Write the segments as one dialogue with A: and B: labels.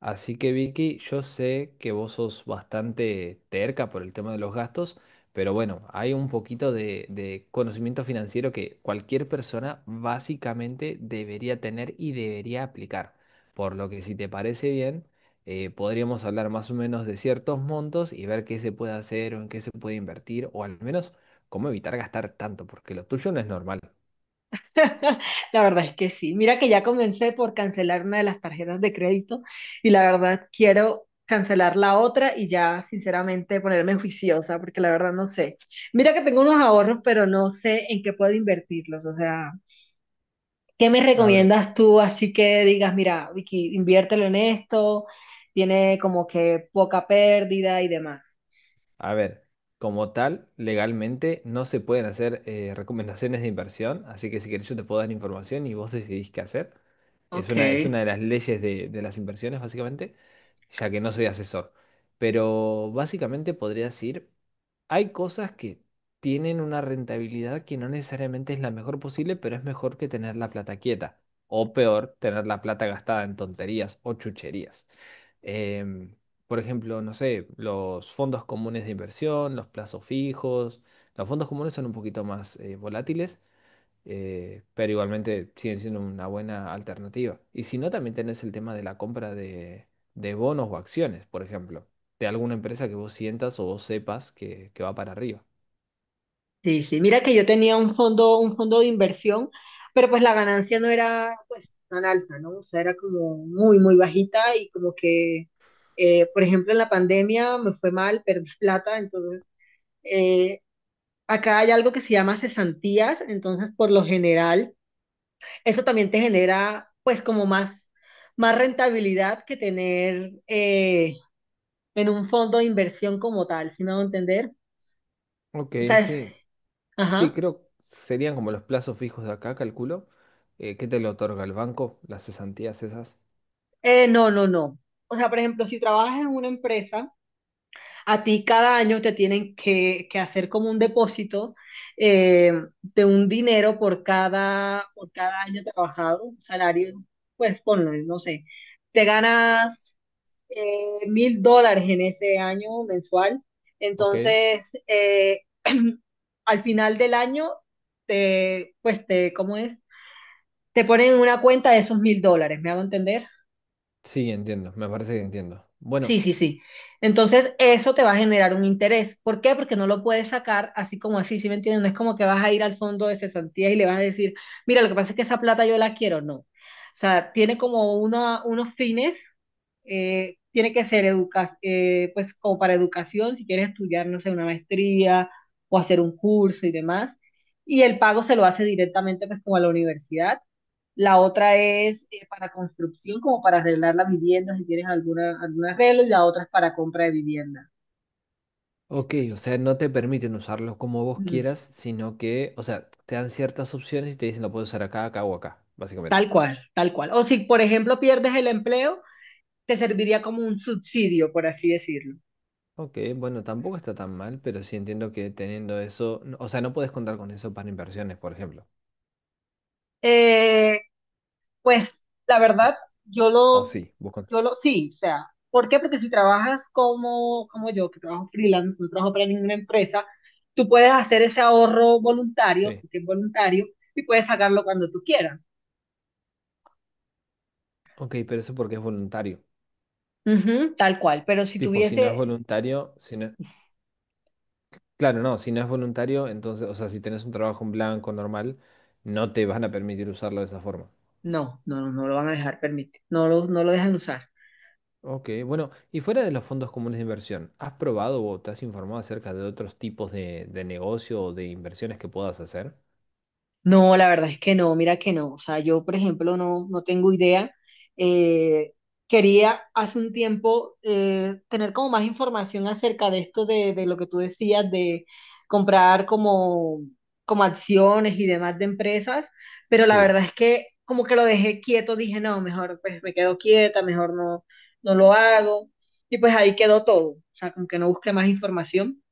A: Así que Vicky, yo sé que vos sos bastante terca por el tema de los gastos, pero bueno, hay un poquito de conocimiento financiero que cualquier persona básicamente debería tener y debería aplicar. Por lo que si te parece bien, podríamos hablar más o menos de ciertos montos y ver qué se puede hacer o en qué se puede invertir o al menos cómo evitar gastar tanto, porque lo tuyo no es normal.
B: La verdad es que sí. Mira que ya comencé por cancelar una de las tarjetas de crédito y la verdad quiero cancelar la otra y ya sinceramente ponerme juiciosa porque la verdad no sé. Mira que tengo unos ahorros, pero no sé en qué puedo invertirlos. O sea, ¿qué me
A: A ver.
B: recomiendas tú? Así que digas, mira, Vicky, inviértelo en esto, tiene como que poca pérdida y demás.
A: A ver, como tal, legalmente no se pueden hacer recomendaciones de inversión, así que si querés yo te puedo dar información y vos decidís qué hacer. Es
B: Ok.
A: una, es una de las leyes de las inversiones, básicamente, ya que no soy asesor. Pero básicamente podría decir, hay cosas que tienen una rentabilidad que no necesariamente es la mejor posible, pero es mejor que tener la plata quieta. O peor, tener la plata gastada en tonterías o chucherías, em, por ejemplo, no sé, los fondos comunes de inversión, los plazos fijos. Los fondos comunes son un poquito más volátiles, pero igualmente siguen siendo una buena alternativa. Y si no, también tenés el tema de la compra de bonos o acciones, por ejemplo, de alguna empresa que vos sientas o vos sepas que va para arriba.
B: Sí, sí, mira que yo tenía un fondo de inversión, pero pues la ganancia no era pues tan alta, ¿no? O sea, era como muy, muy bajita y como que, por ejemplo, en la pandemia me fue mal, perdí plata, entonces eh, acá hay algo que se llama cesantías, entonces por lo general eso también te genera pues como más rentabilidad que tener en un fondo de inversión como tal, ¿si me a entender?
A: Ok,
B: O sea,
A: sí. Sí,
B: ajá.
A: creo serían como los plazos fijos de acá, calculo. ¿Qué te lo otorga el banco? Las cesantías esas.
B: No, no, no. O sea, por ejemplo, si trabajas en una empresa, a ti cada año te tienen que hacer como un depósito eh, de un dinero por cada año trabajado, un salario, pues ponlo, no sé, te ganas $1.000 en ese año mensual.
A: Ok.
B: Entonces, al final del año, te, ¿cómo es? Te ponen en una cuenta de esos $1.000, ¿me hago entender?
A: Sí, entiendo, me parece que entiendo.
B: Sí,
A: Bueno,
B: sí, sí. Entonces, eso te va a generar un interés. ¿Por qué? Porque no lo puedes sacar así como así, ¿sí me entiendes? No es como que vas a ir al fondo de cesantías y le vas a decir, mira, lo que pasa es que esa plata yo la quiero. No. O sea, tiene como unos fines, tiene que ser educa pues como para educación, si quieres estudiar, no sé, una maestría o hacer un curso y demás. Y el pago se lo hace directamente pues como a la universidad. La otra es para construcción, como para arreglar la vivienda, si tienes algún arreglo, y la otra es para compra de vivienda.
A: ok, o sea, no te permiten usarlo como vos
B: Mm,
A: quieras, sino que, o sea, te dan ciertas opciones y te dicen lo puedes usar acá, acá o acá,
B: tal
A: básicamente.
B: cual, tal cual. O si, por ejemplo, pierdes el empleo, te serviría como un subsidio, por así decirlo.
A: Ok, bueno, tampoco está tan mal, pero sí entiendo que teniendo eso, o sea, no puedes contar con eso para inversiones, por ejemplo.
B: Eh, pues la verdad, yo
A: O
B: lo,
A: sí, vos contás.
B: sí, o sea, ¿por qué? Porque si trabajas como yo, que trabajo freelance, no trabajo para ninguna empresa, tú puedes hacer ese ahorro voluntario,
A: Sí.
B: que es voluntario, y puedes sacarlo cuando tú quieras.
A: Ok, pero eso porque es voluntario.
B: Ujú, tal cual, pero si
A: Tipo, si no es
B: tuviese,
A: voluntario, si no... Claro, no, si no es voluntario, entonces, o sea, si tenés un trabajo en blanco normal, no te van a permitir usarlo de esa forma.
B: no, no, no, no lo van a dejar permitir, no lo dejan usar.
A: Ok, bueno, y fuera de los fondos comunes de inversión, ¿has probado o te has informado acerca de otros tipos de negocio o de inversiones que puedas hacer?
B: No, la verdad es que no, mira que no. O sea, yo, por ejemplo, no tengo idea. Eh, quería hace un tiempo tener como más información acerca de esto, de lo que tú decías, de comprar como acciones y demás de empresas, pero la
A: Sí,
B: verdad es que como que lo dejé quieto, dije, no, mejor pues me quedo quieta, mejor no, no lo hago. Y pues ahí quedó todo. O sea, como que no busqué más información.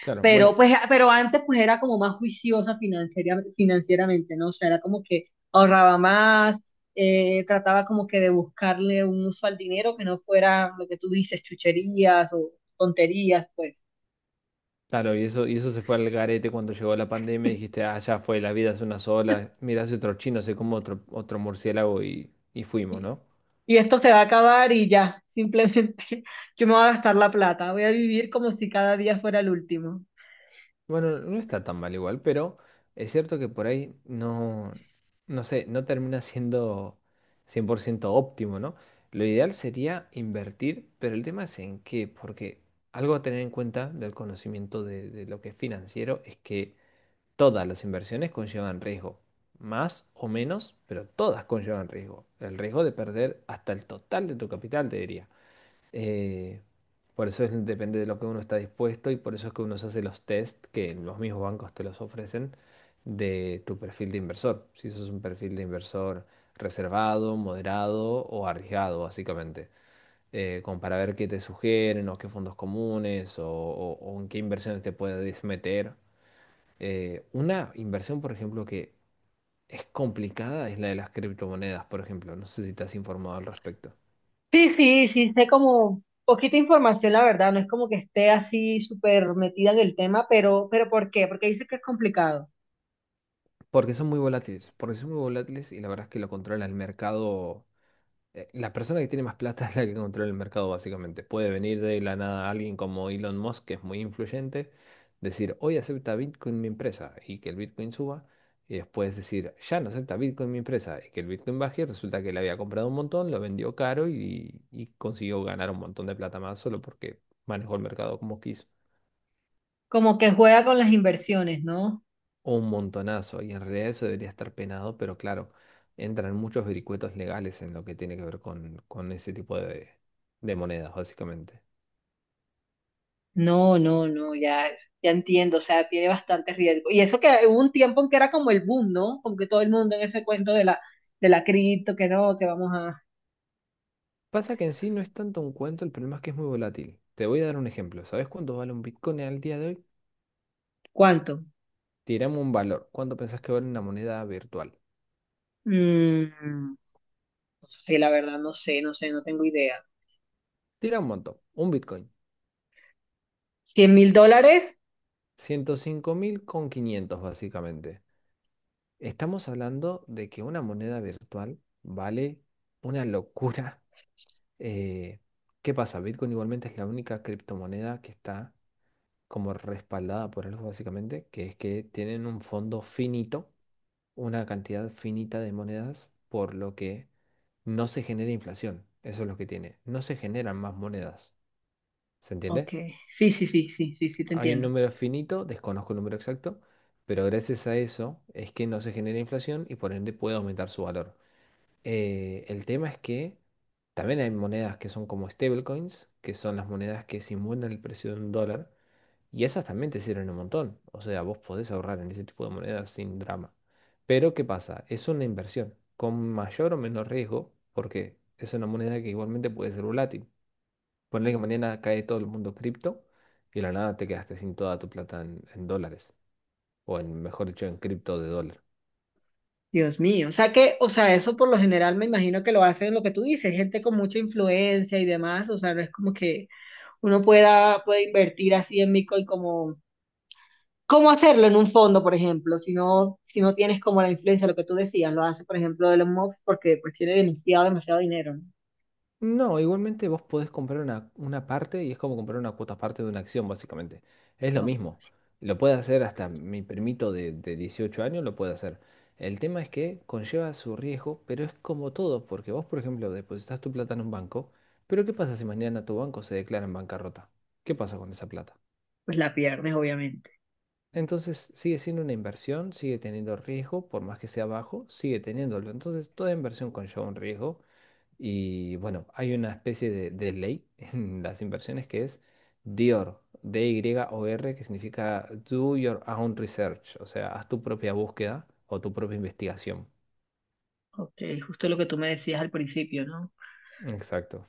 A: claro,
B: Pero,
A: bueno,
B: pues, a- pero antes pues era como más juiciosa financieramente, ¿no? O sea, era como que ahorraba más, trataba como que de buscarle un uso al dinero que no fuera lo que tú dices, chucherías o tonterías, pues.
A: claro, y eso se fue al garete cuando llegó la pandemia y dijiste, ah, ya fue, la vida es una sola, mirá si otro chino se come otro murciélago y fuimos,
B: Y,
A: ¿no?
B: y esto se va a acabar y ya, simplemente yo me voy a gastar la plata, voy a vivir como si cada día fuera el último.
A: Bueno, no está tan mal igual, pero es cierto que por ahí no, no sé, no termina siendo 100% óptimo, ¿no? Lo ideal sería invertir, pero el tema es en qué, porque algo a tener en cuenta del conocimiento de lo que es financiero es que todas las inversiones conllevan riesgo, más o menos, pero todas conllevan riesgo. El riesgo de perder hasta el total de tu capital, te diría. Eh, por depende de lo que uno está dispuesto y por eso es que uno se hace los test que los mismos bancos te los ofrecen de tu perfil de inversor. Si sos un perfil de inversor reservado, moderado o arriesgado, básicamente. Como para ver qué te sugieren o qué fondos comunes o en qué inversiones te puedes meter. Una inversión, por ejemplo, que es complicada es la de las criptomonedas, por ejemplo. No sé si te has informado al respecto.
B: Sí, sí, sí, sé como poquita información, la verdad, no es como que esté así súper metida en el tema, pero ¿por qué? Porque dice que es complicado.
A: Porque son muy volátiles, porque son muy volátiles y la verdad es que lo controla el mercado. La persona que tiene más plata es la que controla el mercado, básicamente. Puede venir de la nada alguien como Elon Musk, que es muy influyente, decir, hoy acepta Bitcoin mi empresa y que el Bitcoin suba, y después decir, ya no acepta Bitcoin mi empresa y que el Bitcoin baje, y resulta que le había comprado un montón, lo vendió caro y consiguió ganar un montón de plata más solo porque manejó el mercado como quiso.
B: Como que juega con las inversiones, ¿no?
A: Un montonazo, y en realidad eso debería estar penado, pero claro, entran muchos vericuetos legales en lo que tiene que ver con ese tipo de monedas, básicamente.
B: No, no, no, ya entiendo, o sea, tiene bastante riesgo. Y eso que hubo un tiempo en que era como el boom, ¿no? Como que todo el mundo en ese cuento de la cripto, que no, que vamos a...
A: Pasa que en sí no es tanto un cuento, el problema es que es muy volátil. Te voy a dar un ejemplo. ¿Sabes cuánto vale un Bitcoin al día de hoy?
B: ¿Cuánto?
A: Tiramos un valor. ¿Cuánto pensás que vale una moneda virtual?
B: No sé, la verdad, no sé, no sé, no tengo idea.
A: Tira un montón. Un Bitcoin.
B: ¿$100.000?
A: 105.500 básicamente. Estamos hablando de que una moneda virtual vale una locura. Eh, ¿Qué pasa? Bitcoin igualmente es la única criptomoneda que está como respaldada por algo básicamente, que es que tienen un fondo finito, una cantidad finita de monedas, por lo que no se genera inflación. Eso es lo que tiene. No se generan más monedas. ¿Se
B: Ok,
A: entiende?
B: sí, sí, sí, sí, sí, sí, te
A: Hay un
B: entiendo.
A: número finito, desconozco el número exacto, pero gracias a eso es que no se genera inflación y por ende puede aumentar su valor. El tema es que también hay monedas que son como stablecoins, que son las monedas que simulan el precio de un dólar, y esas también te sirven un montón. O sea, vos podés ahorrar en ese tipo de monedas sin drama. Pero ¿qué pasa? Es una inversión con mayor o menor riesgo, porque es una moneda que igualmente puede ser volátil. Ponle que mañana cae todo el mundo cripto y de la nada te quedaste sin toda tu plata en dólares, o en, mejor dicho, en cripto de dólar.
B: Dios mío, o sea que, o sea, eso por lo general me imagino que lo hacen lo que tú dices, gente con mucha influencia y demás, o sea, no es como que puede invertir así en Bitcoin cómo hacerlo en un fondo, por ejemplo, si no, tienes como la influencia, lo que tú decías, lo hace, por ejemplo, Elon Musk porque pues tiene demasiado, demasiado dinero, ¿no?
A: No, igualmente vos podés comprar una parte y es como comprar una cuota parte de una acción, básicamente. Es lo
B: No,
A: mismo. Lo puede hacer hasta mi primito de 18 años, lo puede hacer. El tema es que conlleva su riesgo, pero es como todo, porque vos, por ejemplo, depositas tu plata en un banco, pero ¿qué pasa si mañana tu banco se declara en bancarrota? ¿Qué pasa con esa plata?
B: pues la pierdes, obviamente.
A: Entonces sigue siendo una inversión, sigue teniendo riesgo, por más que sea bajo, sigue teniéndolo. Entonces toda inversión conlleva un riesgo y bueno, hay una especie de ley en las inversiones que es DIOR, DYOR, que significa Do Your Own Research, o sea, haz tu propia búsqueda o tu propia investigación.
B: Ok, justo lo que tú me decías al principio, ¿no?
A: Exacto.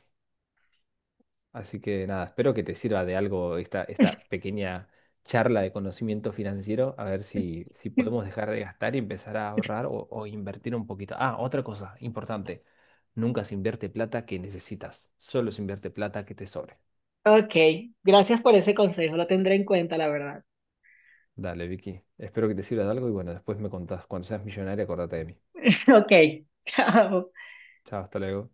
A: Así que nada, espero que te sirva de algo esta, esta pequeña charla de conocimiento financiero, a ver si, si podemos dejar de gastar y empezar a ahorrar o invertir un poquito. Ah, otra cosa importante, nunca se invierte plata que necesitas, solo se invierte plata que te sobre.
B: Ok, gracias por ese consejo, lo tendré en cuenta, la verdad.
A: Dale, Vicky. Espero que te sirva de algo y bueno, después me contás. Cuando seas millonaria, acordate de mí.
B: Ok, chao.
A: Chao, hasta luego.